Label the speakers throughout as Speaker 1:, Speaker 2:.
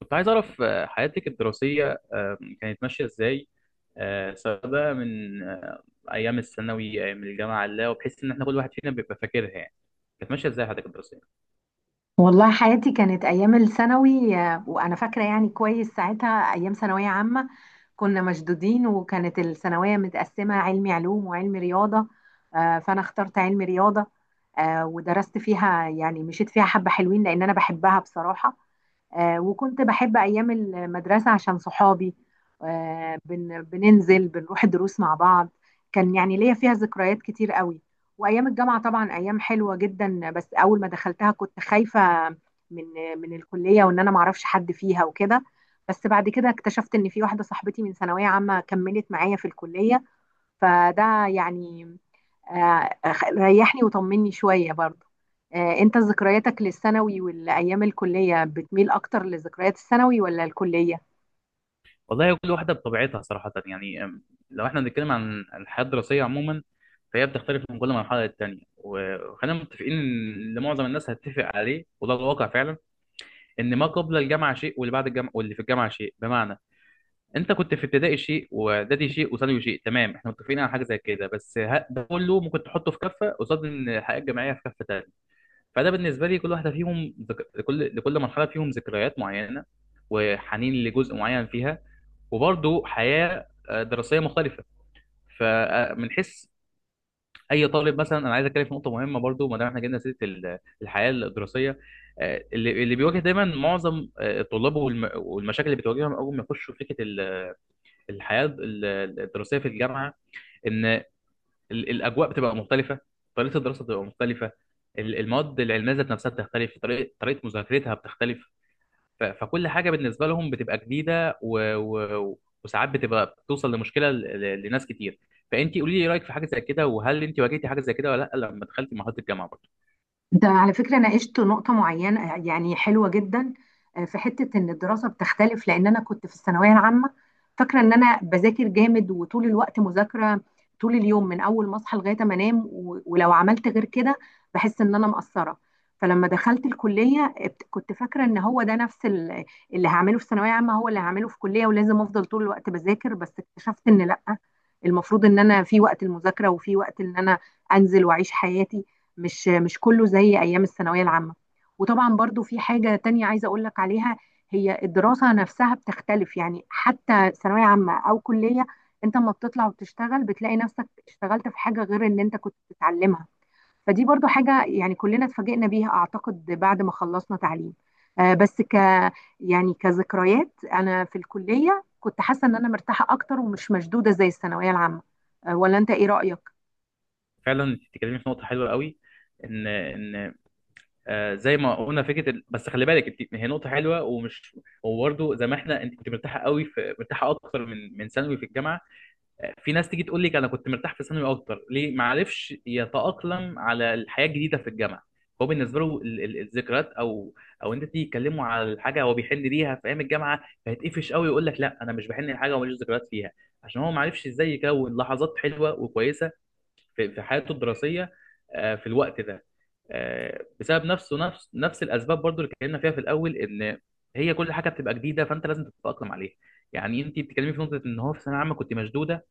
Speaker 1: كنت عايز أعرف حياتك الدراسية، كانت ماشية إزاي؟ سواء بقى من أيام الثانوي، أيام الجامعة، لا، وبحيث إن إحنا كل واحد فينا بيبقى فاكرها يعني. كانت ماشية إزاي حياتك الدراسية؟
Speaker 2: والله حياتي كانت أيام الثانوي، وأنا فاكرة يعني كويس ساعتها أيام ثانوية عامة. كنا مشدودين، وكانت الثانوية متقسمة علمي علوم وعلمي رياضة، فأنا اخترت علمي رياضة. ودرست فيها يعني مشيت فيها حبة حلوين لأن أنا بحبها بصراحة. وكنت بحب أيام المدرسة عشان صحابي. بننزل بنروح الدروس مع بعض. كان يعني ليا فيها ذكريات كتير قوي. وأيام الجامعة طبعا أيام حلوة جدا، بس أول ما دخلتها كنت خايفة من من الكلية، وإن أنا معرفش حد فيها وكده. بس بعد كده اكتشفت إن في واحدة صاحبتي من ثانوية عامة كملت معايا في الكلية، فده يعني آه، ريحني وطمني شوية برضه. انت ذكرياتك للثانوي والايام الكلية بتميل اكتر لذكريات الثانوي ولا الكلية؟
Speaker 1: والله كل واحدة بطبيعتها صراحة يعني. لو إحنا بنتكلم عن الحياة الدراسية عموما، فهي بتختلف من كل مرحلة للتانية. وخلينا متفقين إن اللي معظم الناس هتتفق عليه، وده الواقع فعلا، إن ما قبل الجامعة شيء، واللي بعد الجامعة، واللي في الجامعة شيء. بمعنى انت كنت في ابتدائي شيء، واعدادي شيء، وثانوي شيء. تمام، احنا متفقين على حاجه زي كده. بس ده كله ممكن تحطه في كفه قصاد ان الحياه الجامعيه في كفه تانيه. فده بالنسبه لي كل واحده فيهم ذك... لكل لكل مرحله فيهم ذكريات معينه، وحنين لجزء معين فيها، وبرضه حياه دراسيه مختلفه. فمن حيث اي طالب مثلا، انا عايز اتكلم في نقطه مهمه برضه ما دام احنا جبنا سيره الحياه الدراسيه. اللي بيواجه دايما معظم الطلاب، والمشاكل اللي بتواجههم اول ما يخشوا فكره الحياه الدراسيه في الجامعه، ان الاجواء بتبقى مختلفه، طريقه الدراسه بتبقى مختلفه، المواد العلميه ذات نفسها بتختلف، طريقه مذاكرتها بتختلف، فكل حاجه بالنسبه لهم بتبقى جديده وساعات بتبقى بتوصل لمشكله لناس كتير. فانت قولي لي رايك في حاجه زي كده، وهل انت واجهتي حاجه زي كده ولا لا لما دخلتي مرحله الجامعه برضه؟
Speaker 2: ده على فكرة ناقشت نقطة معينة يعني حلوة جدا. في حتة إن الدراسة بتختلف، لأن أنا كنت في الثانوية العامة فاكرة إن أنا بذاكر جامد وطول الوقت مذاكرة، طول اليوم من أول ما أصحى لغاية ما أنام، ولو عملت غير كده بحس إن أنا مقصرة. فلما دخلت الكلية كنت فاكرة إن هو ده نفس اللي هعمله في ثانوية عامة هو اللي هعمله في كلية، ولازم أفضل طول الوقت بذاكر. بس اكتشفت إن لأ، المفروض إن أنا في وقت المذاكرة وفي وقت إن أنا أنزل وأعيش حياتي. مش كله زي ايام الثانويه العامه. وطبعا برضو في حاجه تانية عايزه اقول لك عليها، هي الدراسه نفسها بتختلف يعني، حتى ثانويه عامه او كليه انت لما بتطلع وبتشتغل بتلاقي نفسك اشتغلت في حاجه غير اللي انت كنت بتتعلمها. فدي برضو حاجه يعني كلنا اتفاجئنا بيها اعتقد بعد ما خلصنا تعليم. آه، بس ك يعني كذكريات، انا في الكليه كنت حاسه ان انا مرتاحه اكتر ومش مشدوده زي الثانويه العامه. ولا انت ايه رايك؟
Speaker 1: فعلا انت بتتكلمي في نقطه حلوه قوي، ان زي ما قلنا فكره بس خلي بالك، انت هي نقطه حلوه ومش. وبرده زي ما احنا، انت كنت مرتاحه قوي في مرتاحه اكتر من ثانوي في الجامعه. في ناس تيجي تقول لك انا كنت مرتاح في ثانوي اكتر، ليه؟ ما عرفش يتاقلم على الحياه الجديده في الجامعه. هو بالنسبه له الذكريات، او انت تيجي تكلمه على الحاجه هو بيحن ليها في ايام الجامعه. فهيتقفش قوي، يقول لك لا، انا مش بحن لحاجه وماليش ذكريات فيها، عشان هو ما عرفش ازاي يكون لحظات حلوه وكويسه في حياته الدراسيه في الوقت ده، بسبب نفس الاسباب برضو اللي اتكلمنا فيها في الاول، ان هي كل حاجه بتبقى جديده، فانت لازم تتاقلم عليها. يعني انت بتتكلمي في نقطه ان هو في ثانويه عامه كنت مشدوده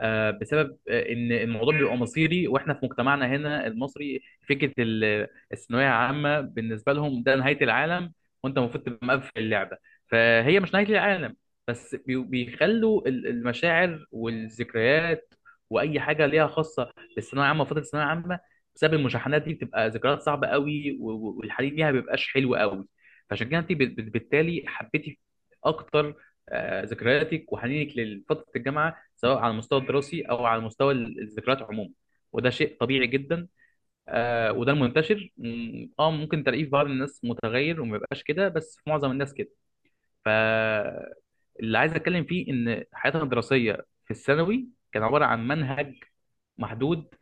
Speaker 1: بسبب ان الموضوع بيبقى مصيري، واحنا في مجتمعنا هنا المصري، فكره الثانويه عامه بالنسبه لهم ده نهايه العالم، وانت المفروض تبقى مقفل اللعبه. فهي مش نهايه العالم. بس بيخلوا المشاعر والذكريات، واي حاجه ليها خاصه بالثانويه عامه وفتره الثانويه عامه، بسبب المشاحنات دي بتبقى ذكريات صعبه قوي، والحنين ليها ما بيبقاش حلو قوي. فعشان كده انت بالتالي حبيتي اكتر ذكرياتك وحنينك لفتره الجامعه، سواء على المستوى الدراسي او على مستوى الذكريات عموما، وده شيء طبيعي جدا. وده المنتشر. ممكن تلاقيه في بعض الناس متغير وما يبقاش كده، بس في معظم الناس كده. ف اللي عايز اتكلم فيه ان حياتنا الدراسيه في الثانوي كان عباره عن منهج محدود،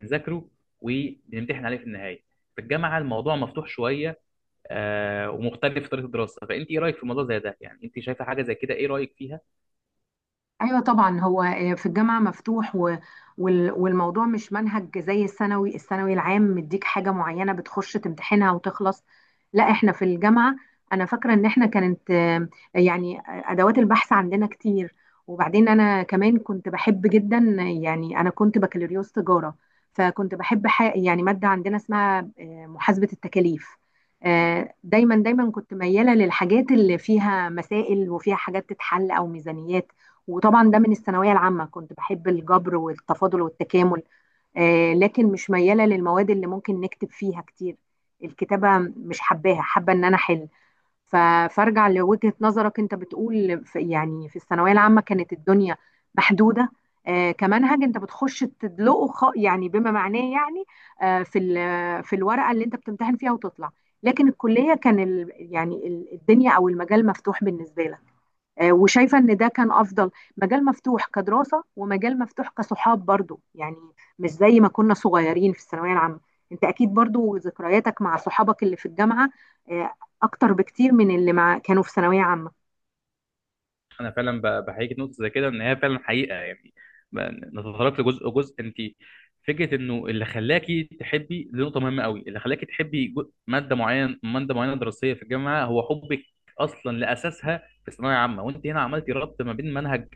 Speaker 1: بنذاكره وبنمتحن عليه في النهايه. في الجامعه الموضوع مفتوح شويه، ومختلف في طريقه الدراسه. فانت ايه رايك في موضوع زي ده يعني؟ انت شايفه حاجه زي كده، ايه رايك فيها؟
Speaker 2: ايوه طبعا، هو في الجامعه مفتوح، والموضوع مش منهج زي الثانوي العام مديك حاجه معينه بتخش تمتحنها وتخلص. لا، احنا في الجامعه انا فاكره ان احنا كانت يعني ادوات البحث عندنا كتير. وبعدين انا كمان كنت بحب جدا، يعني انا كنت بكالوريوس تجاره، فكنت بحب يعني ماده عندنا اسمها محاسبه التكاليف. دايما دايما كنت مياله للحاجات اللي فيها مسائل وفيها حاجات تتحل او ميزانيات. وطبعا ده من الثانويه العامه كنت بحب الجبر والتفاضل والتكامل. لكن مش مياله للمواد اللي ممكن نكتب فيها كتير، الكتابه مش حباها، حابه ان انا احل. ف- فارجع لوجهه نظرك، انت بتقول في يعني في الثانويه العامه كانت الدنيا محدوده، كمنهج انت بتخش تدلقه يعني بما معناه يعني في الورقه اللي انت بتمتحن فيها وتطلع، لكن الكليه كان الدنيا او المجال مفتوح بالنسبه لك. وشايفة ان ده كان افضل، مجال مفتوح كدراسة ومجال مفتوح كصحاب برضو يعني، مش زي ما كنا صغيرين في الثانوية العامة. انت اكيد برضو ذكرياتك مع صحابك اللي في الجامعة آه، اكتر بكتير من اللي مع كانوا في ثانوية عامة.
Speaker 1: انا فعلا بحييك نقطه زي كده، ان هي فعلا حقيقه يعني. ب- نتطرق لجزء جزء انت. فكره انه اللي خلاكي تحبي، دي نقطه مهمه قوي. اللي خلاكي تحبي ماده معينه دراسيه في الجامعه هو حبك اصلا لاساسها في ثانويه عامه. وانت هنا عملتي ربط ما بين منهج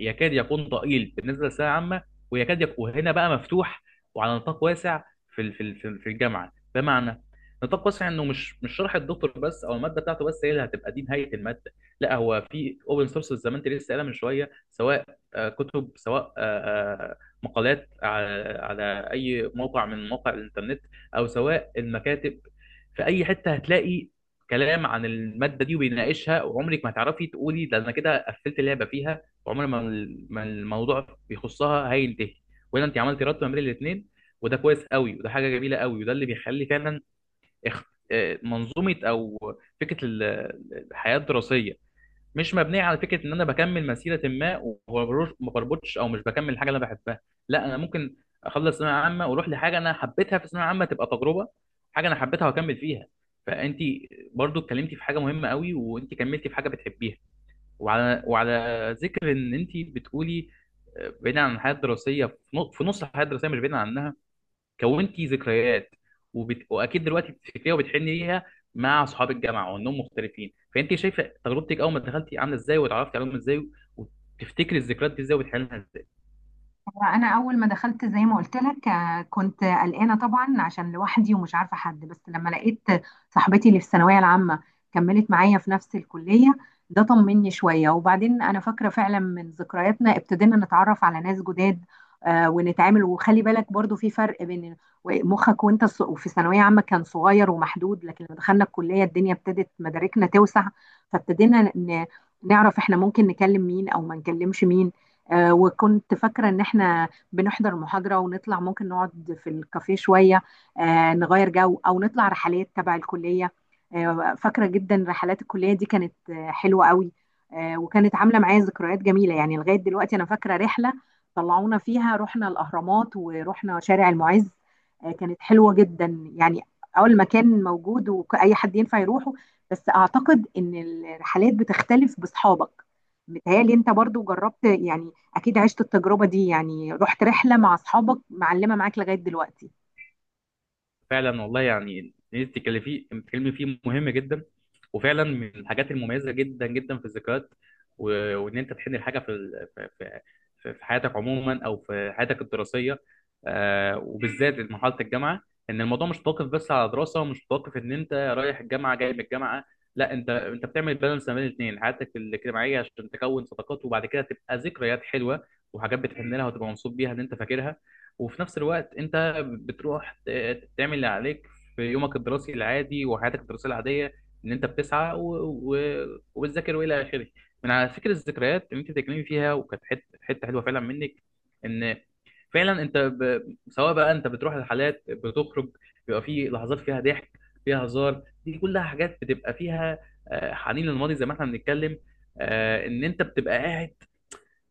Speaker 1: يكاد يكون ضئيل بالنسبه للثانويه العامه، ويكاد يكون هنا بقى مفتوح وعلى نطاق واسع في الجامعه. بمعنى نطاق واسع انه مش شرح الدكتور بس، او الماده بتاعته بس، هي اللي هتبقى دي نهايه الماده. لا، هو في اوبن سورس زي ما انت لسه قايلها من شويه، سواء كتب، سواء مقالات على اي موقع من مواقع الانترنت، او سواء المكاتب، في اي حته هتلاقي كلام عن الماده دي وبيناقشها. وعمرك ما هتعرفي تقولي ده انا كده قفلت اللعبه فيها، وعمر ما ما الموضوع بيخصها هينتهي. وهنا انت عملتي ربط ما بين الاثنين، وده كويس قوي، وده حاجه جميله قوي، وده اللي بيخلي فعلا اخ- منظومه او فكره الحياه الدراسيه مش مبنيه على فكره ان انا بكمل مسيره ما، ما بربطش او مش بكمل الحاجه اللي انا بحبها. لا، انا ممكن اخلص ثانويه عامه واروح لحاجه انا حبيتها في ثانويه عامه، تبقى تجربه، حاجه انا حبيتها واكمل فيها. فانت برضو اتكلمتي في حاجه مهمه قوي، وانت كملتي في حاجه بتحبيها. وعلى ذكر ان انت بتقولي بعيدا عن الحياه الدراسيه، في نص الحياه الدراسيه، مش بعيدا عنها، كونتي ذكريات، واكيد دلوقتي بتفتكريها وبتحني ليها مع اصحاب الجامعه، وانهم مختلفين. فانت شايفه تجربتك اول ما دخلتي عامله ازاي، واتعرفتي عليهم ازاي، وتفتكري الذكريات دي ازاي وبتحني لها ازاي؟
Speaker 2: انا اول ما دخلت زي ما قلت لك كنت قلقانه طبعا عشان لوحدي ومش عارفه حد، بس لما لقيت صاحبتي اللي في الثانويه العامه كملت معايا في نفس الكليه ده طمني شويه. وبعدين انا فاكره فعلا من ذكرياتنا ابتدينا نتعرف على ناس جداد ونتعامل. وخلي بالك برضو في فرق بين مخك وانت وفي ثانويه عامه كان صغير ومحدود، لكن لما دخلنا الكليه الدنيا ابتدت مداركنا توسع، فابتدينا نعرف احنا ممكن نكلم مين او ما نكلمش مين. وكنت فاكرة إن إحنا بنحضر محاضرة ونطلع ممكن نقعد في الكافيه شوية، نغير جو أو نطلع رحلات تبع الكلية. فاكرة جدا رحلات الكلية دي كانت حلوة قوي. وكانت عاملة معايا ذكريات جميلة يعني. لغاية دلوقتي أنا فاكرة رحلة طلعونا فيها، رحنا الأهرامات ورحنا شارع المعز، كانت حلوة جدا يعني. أول مكان موجود وأي حد ينفع يروحه، بس أعتقد إن الرحلات بتختلف بأصحابك. متهيألي أنت برضو جربت يعني، اكيد عشت التجربه دي، يعني رحت رحله مع اصحابك معلمه معاك لغايه دلوقتي.
Speaker 1: فعلا والله يعني، اللي انت بتتكلمي فيه مهم جدا، وفعلا من الحاجات المميزه جدا جدا في الذكريات، وان انت تحن الحاجه في في حياتك عموما او في حياتك الدراسيه، وبالذات مرحله الجامعه. ان الموضوع مش متوقف بس على دراسه، ومش متوقف ان انت رايح الجامعه جاي من الجامعه. لا، انت بتعمل بالانس ما بين الاثنين، حياتك الاجتماعيه عشان تكون صداقات، وبعد كده تبقى ذكريات حلوه، وحاجات بتحن لها وتبقى مبسوط بيها ان انت فاكرها. وفي نفس الوقت انت بتروح تعمل اللي عليك في يومك الدراسي العادي، وحياتك الدراسية العادية، ان انت بتسعى و... وبتذاكر والى اخره. من على فكرة الذكريات اللي انت بتتكلمي فيها، وكانت حتة حتة حلوة فعلا منك، ان فعلا انت سواء بقى انت بتروح الحالات بتخرج، بيبقى في لحظات فيها ضحك، فيها هزار، دي كلها حاجات بتبقى فيها حنين للماضي زي ما احنا بنتكلم. ان انت بتبقى قاعد،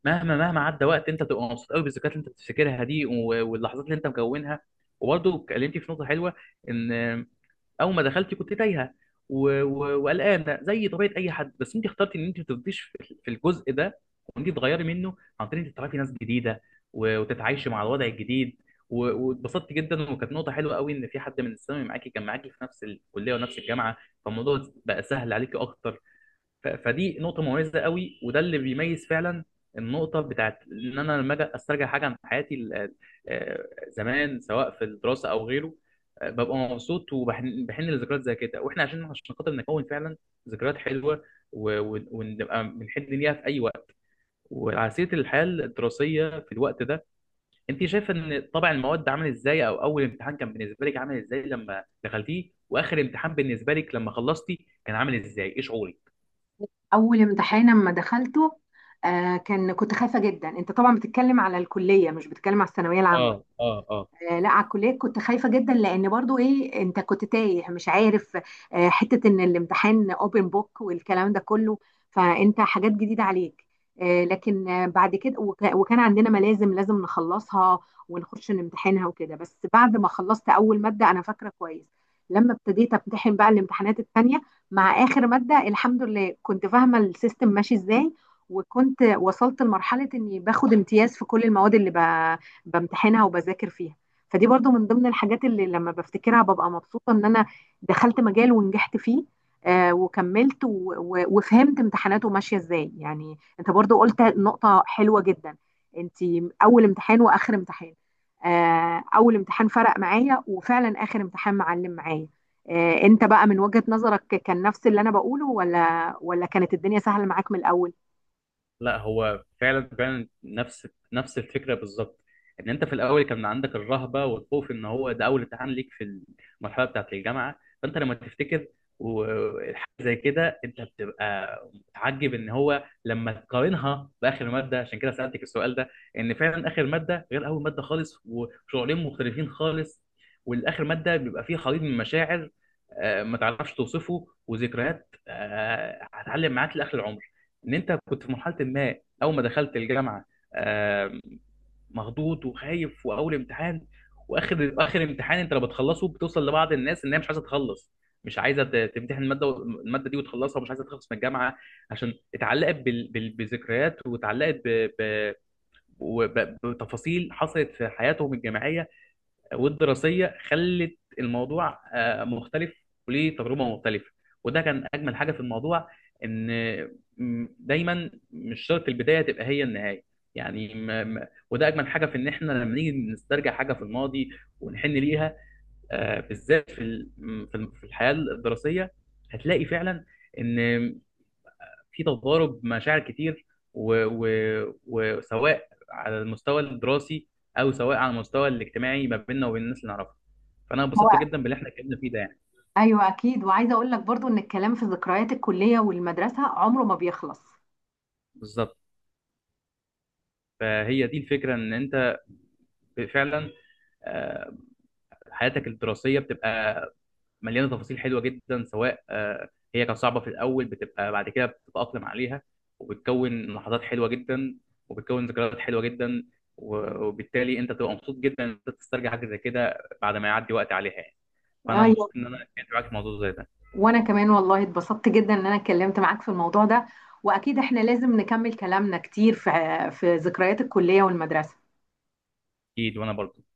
Speaker 1: مهما مهما عدى وقت انت تبقى مبسوط قوي بالذكريات اللي انت بتفتكرها دي واللحظات اللي انت مكونها. وبرضه اتكلمتي في نقطه حلوه، ان اول ما دخلتي كنت تايهه وقلقانه زي طبيعه اي حد، بس انت اخترتي ان انت ما تفضيش في الجزء ده، وانت تغيري منه عن طريق انك تعرفي ناس جديده وتتعايشي مع الوضع الجديد، واتبسطت جدا. وكانت نقطه حلوه قوي ان في حد من الثانوي معاكي كان معاكي في نفس الكليه ونفس الجامعه، فالموضوع بقى سهل عليكي اكتر. فدي نقطه مميزه قوي، وده اللي بيميز فعلا النقطه بتاعت ان انا لما اجي استرجع حاجه عن حياتي زمان، سواء في الدراسه او غيره، ببقى مبسوط وبحن لذكريات زي كده، واحنا عشان خاطر نكون فعلا ذكريات حلوه ونبقى بنحن ليها في اي وقت. وعلى سيره الحياه الدراسيه في الوقت ده، انت شايفه ان طبع المواد عامل ازاي؟ او اول امتحان كان بالنسبه لك عامل ازاي لما دخلتيه، واخر امتحان بالنسبه لك لما خلصتي كان عامل ازاي؟ ايه شعورك؟
Speaker 2: اول امتحان اما دخلته آه كان كنت خايفه جدا. انت طبعا بتتكلم على الكليه مش بتتكلم على الثانويه
Speaker 1: اه،
Speaker 2: العامه؟
Speaker 1: اه، اه.
Speaker 2: لا، على الكليه كنت خايفه جدا، لان برضو ايه، انت كنت تايه مش عارف، حته ان الامتحان اوبن بوك والكلام ده كله، فانت حاجات جديده عليك. لكن بعد كده وكان عندنا ملازم لازم نخلصها ونخش نمتحنها وكده. بس بعد ما خلصت اول ماده انا فاكره كويس، لما ابتديت امتحن بقى الامتحانات التانية، مع اخر ماده الحمد لله كنت فاهمه السيستم ماشي ازاي، وكنت وصلت لمرحله اني باخد امتياز في كل المواد اللي بمتحنها وبذاكر فيها. فدي برضو من ضمن الحاجات اللي لما بفتكرها ببقى مبسوطة ان انا دخلت مجال ونجحت فيه، وكملت وفهمت امتحاناته ماشية ازاي. يعني انت برضو قلت نقطة حلوة جدا، انت اول امتحان واخر امتحان. اول امتحان فرق معايا، وفعلا اخر امتحان معلم معايا. انت بقى من وجهة نظرك كان نفس اللي انا بقوله، ولا كانت الدنيا سهلة معاك من الاول؟
Speaker 1: لا، هو فعلا فعلا نفس الفكره بالظبط، ان انت في الاول كان عندك الرهبه والخوف ان هو ده اول امتحان ليك في المرحله بتاعه الجامعه. فانت لما تفتكر وحاجه زي كده انت بتبقى متعجب، ان هو لما تقارنها باخر ماده، عشان كده سالتك السؤال ده، ان فعلا اخر ماده غير اول ماده خالص، وشعورين مختلفين خالص. والاخر ماده بيبقى فيه خليط من مشاعر ما تعرفش توصفه، وذكريات هتعلم معاك لاخر العمر، ان انت كنت في مرحله ما، اول ما دخلت الجامعه، آم، مخضوض وخايف، واول امتحان. واخر امتحان انت لو بتخلصه، بتوصل لبعض الناس ان هي مش عايزه تخلص، مش عايزه تمتحن الماده الماده دي وتخلصها، ومش عايزه تخلص من الجامعه، عشان اتعلقت بذكريات، واتعلقت وب- بتفاصيل حصلت في حياتهم الجامعيه والدراسيه، خلت الموضوع مختلف، وليه تجربه مختلفه. وده كان اجمل حاجه في الموضوع، ان دايما مش شرط البدايه تبقى هي النهايه. يعني وده اجمل حاجه في ان احنا لما نيجي نسترجع حاجه في الماضي ونحن ليها، بالذات في ال- م- في ال- في الحياه الدراسيه، هتلاقي فعلا ان في تضارب مشاعر كتير، وسواء على المستوى الدراسي، او سواء على المستوى الاجتماعي ما بيننا وبين الناس اللي نعرفها. فانا
Speaker 2: هو
Speaker 1: انبسطت جدا باللي احنا اتكلمنا فيه ده يعني.
Speaker 2: ايوه اكيد. وعايزه اقول لك برضو ان الكلام في ذكريات الكليه والمدرسه عمره ما بيخلص.
Speaker 1: بالظبط. فهي دي الفكره ان انت فعلا آه، حياتك الدراسيه بتبقى مليانه تفاصيل حلوه جدا، سواء هي كانت صعبه في الاول، بتبقى بعد كده بتتاقلم عليها، وبتكون لحظات حلوه جدا، وبتكون ذكريات حلوه جدا، وبالتالي انت تبقى مبسوط جدا ان انت تسترجع حاجه زي كده بعد ما يعدي وقت عليها يعني. فانا مبسوط
Speaker 2: ايوه،
Speaker 1: ان انا اتكلمت معاك في الموضوع زي ده.
Speaker 2: وانا كمان والله اتبسطت جدا ان انا اتكلمت معاك في الموضوع ده، واكيد احنا لازم نكمل كلامنا كتير في ذكريات الكلية والمدرسة.
Speaker 1: اكيد. وانا برضه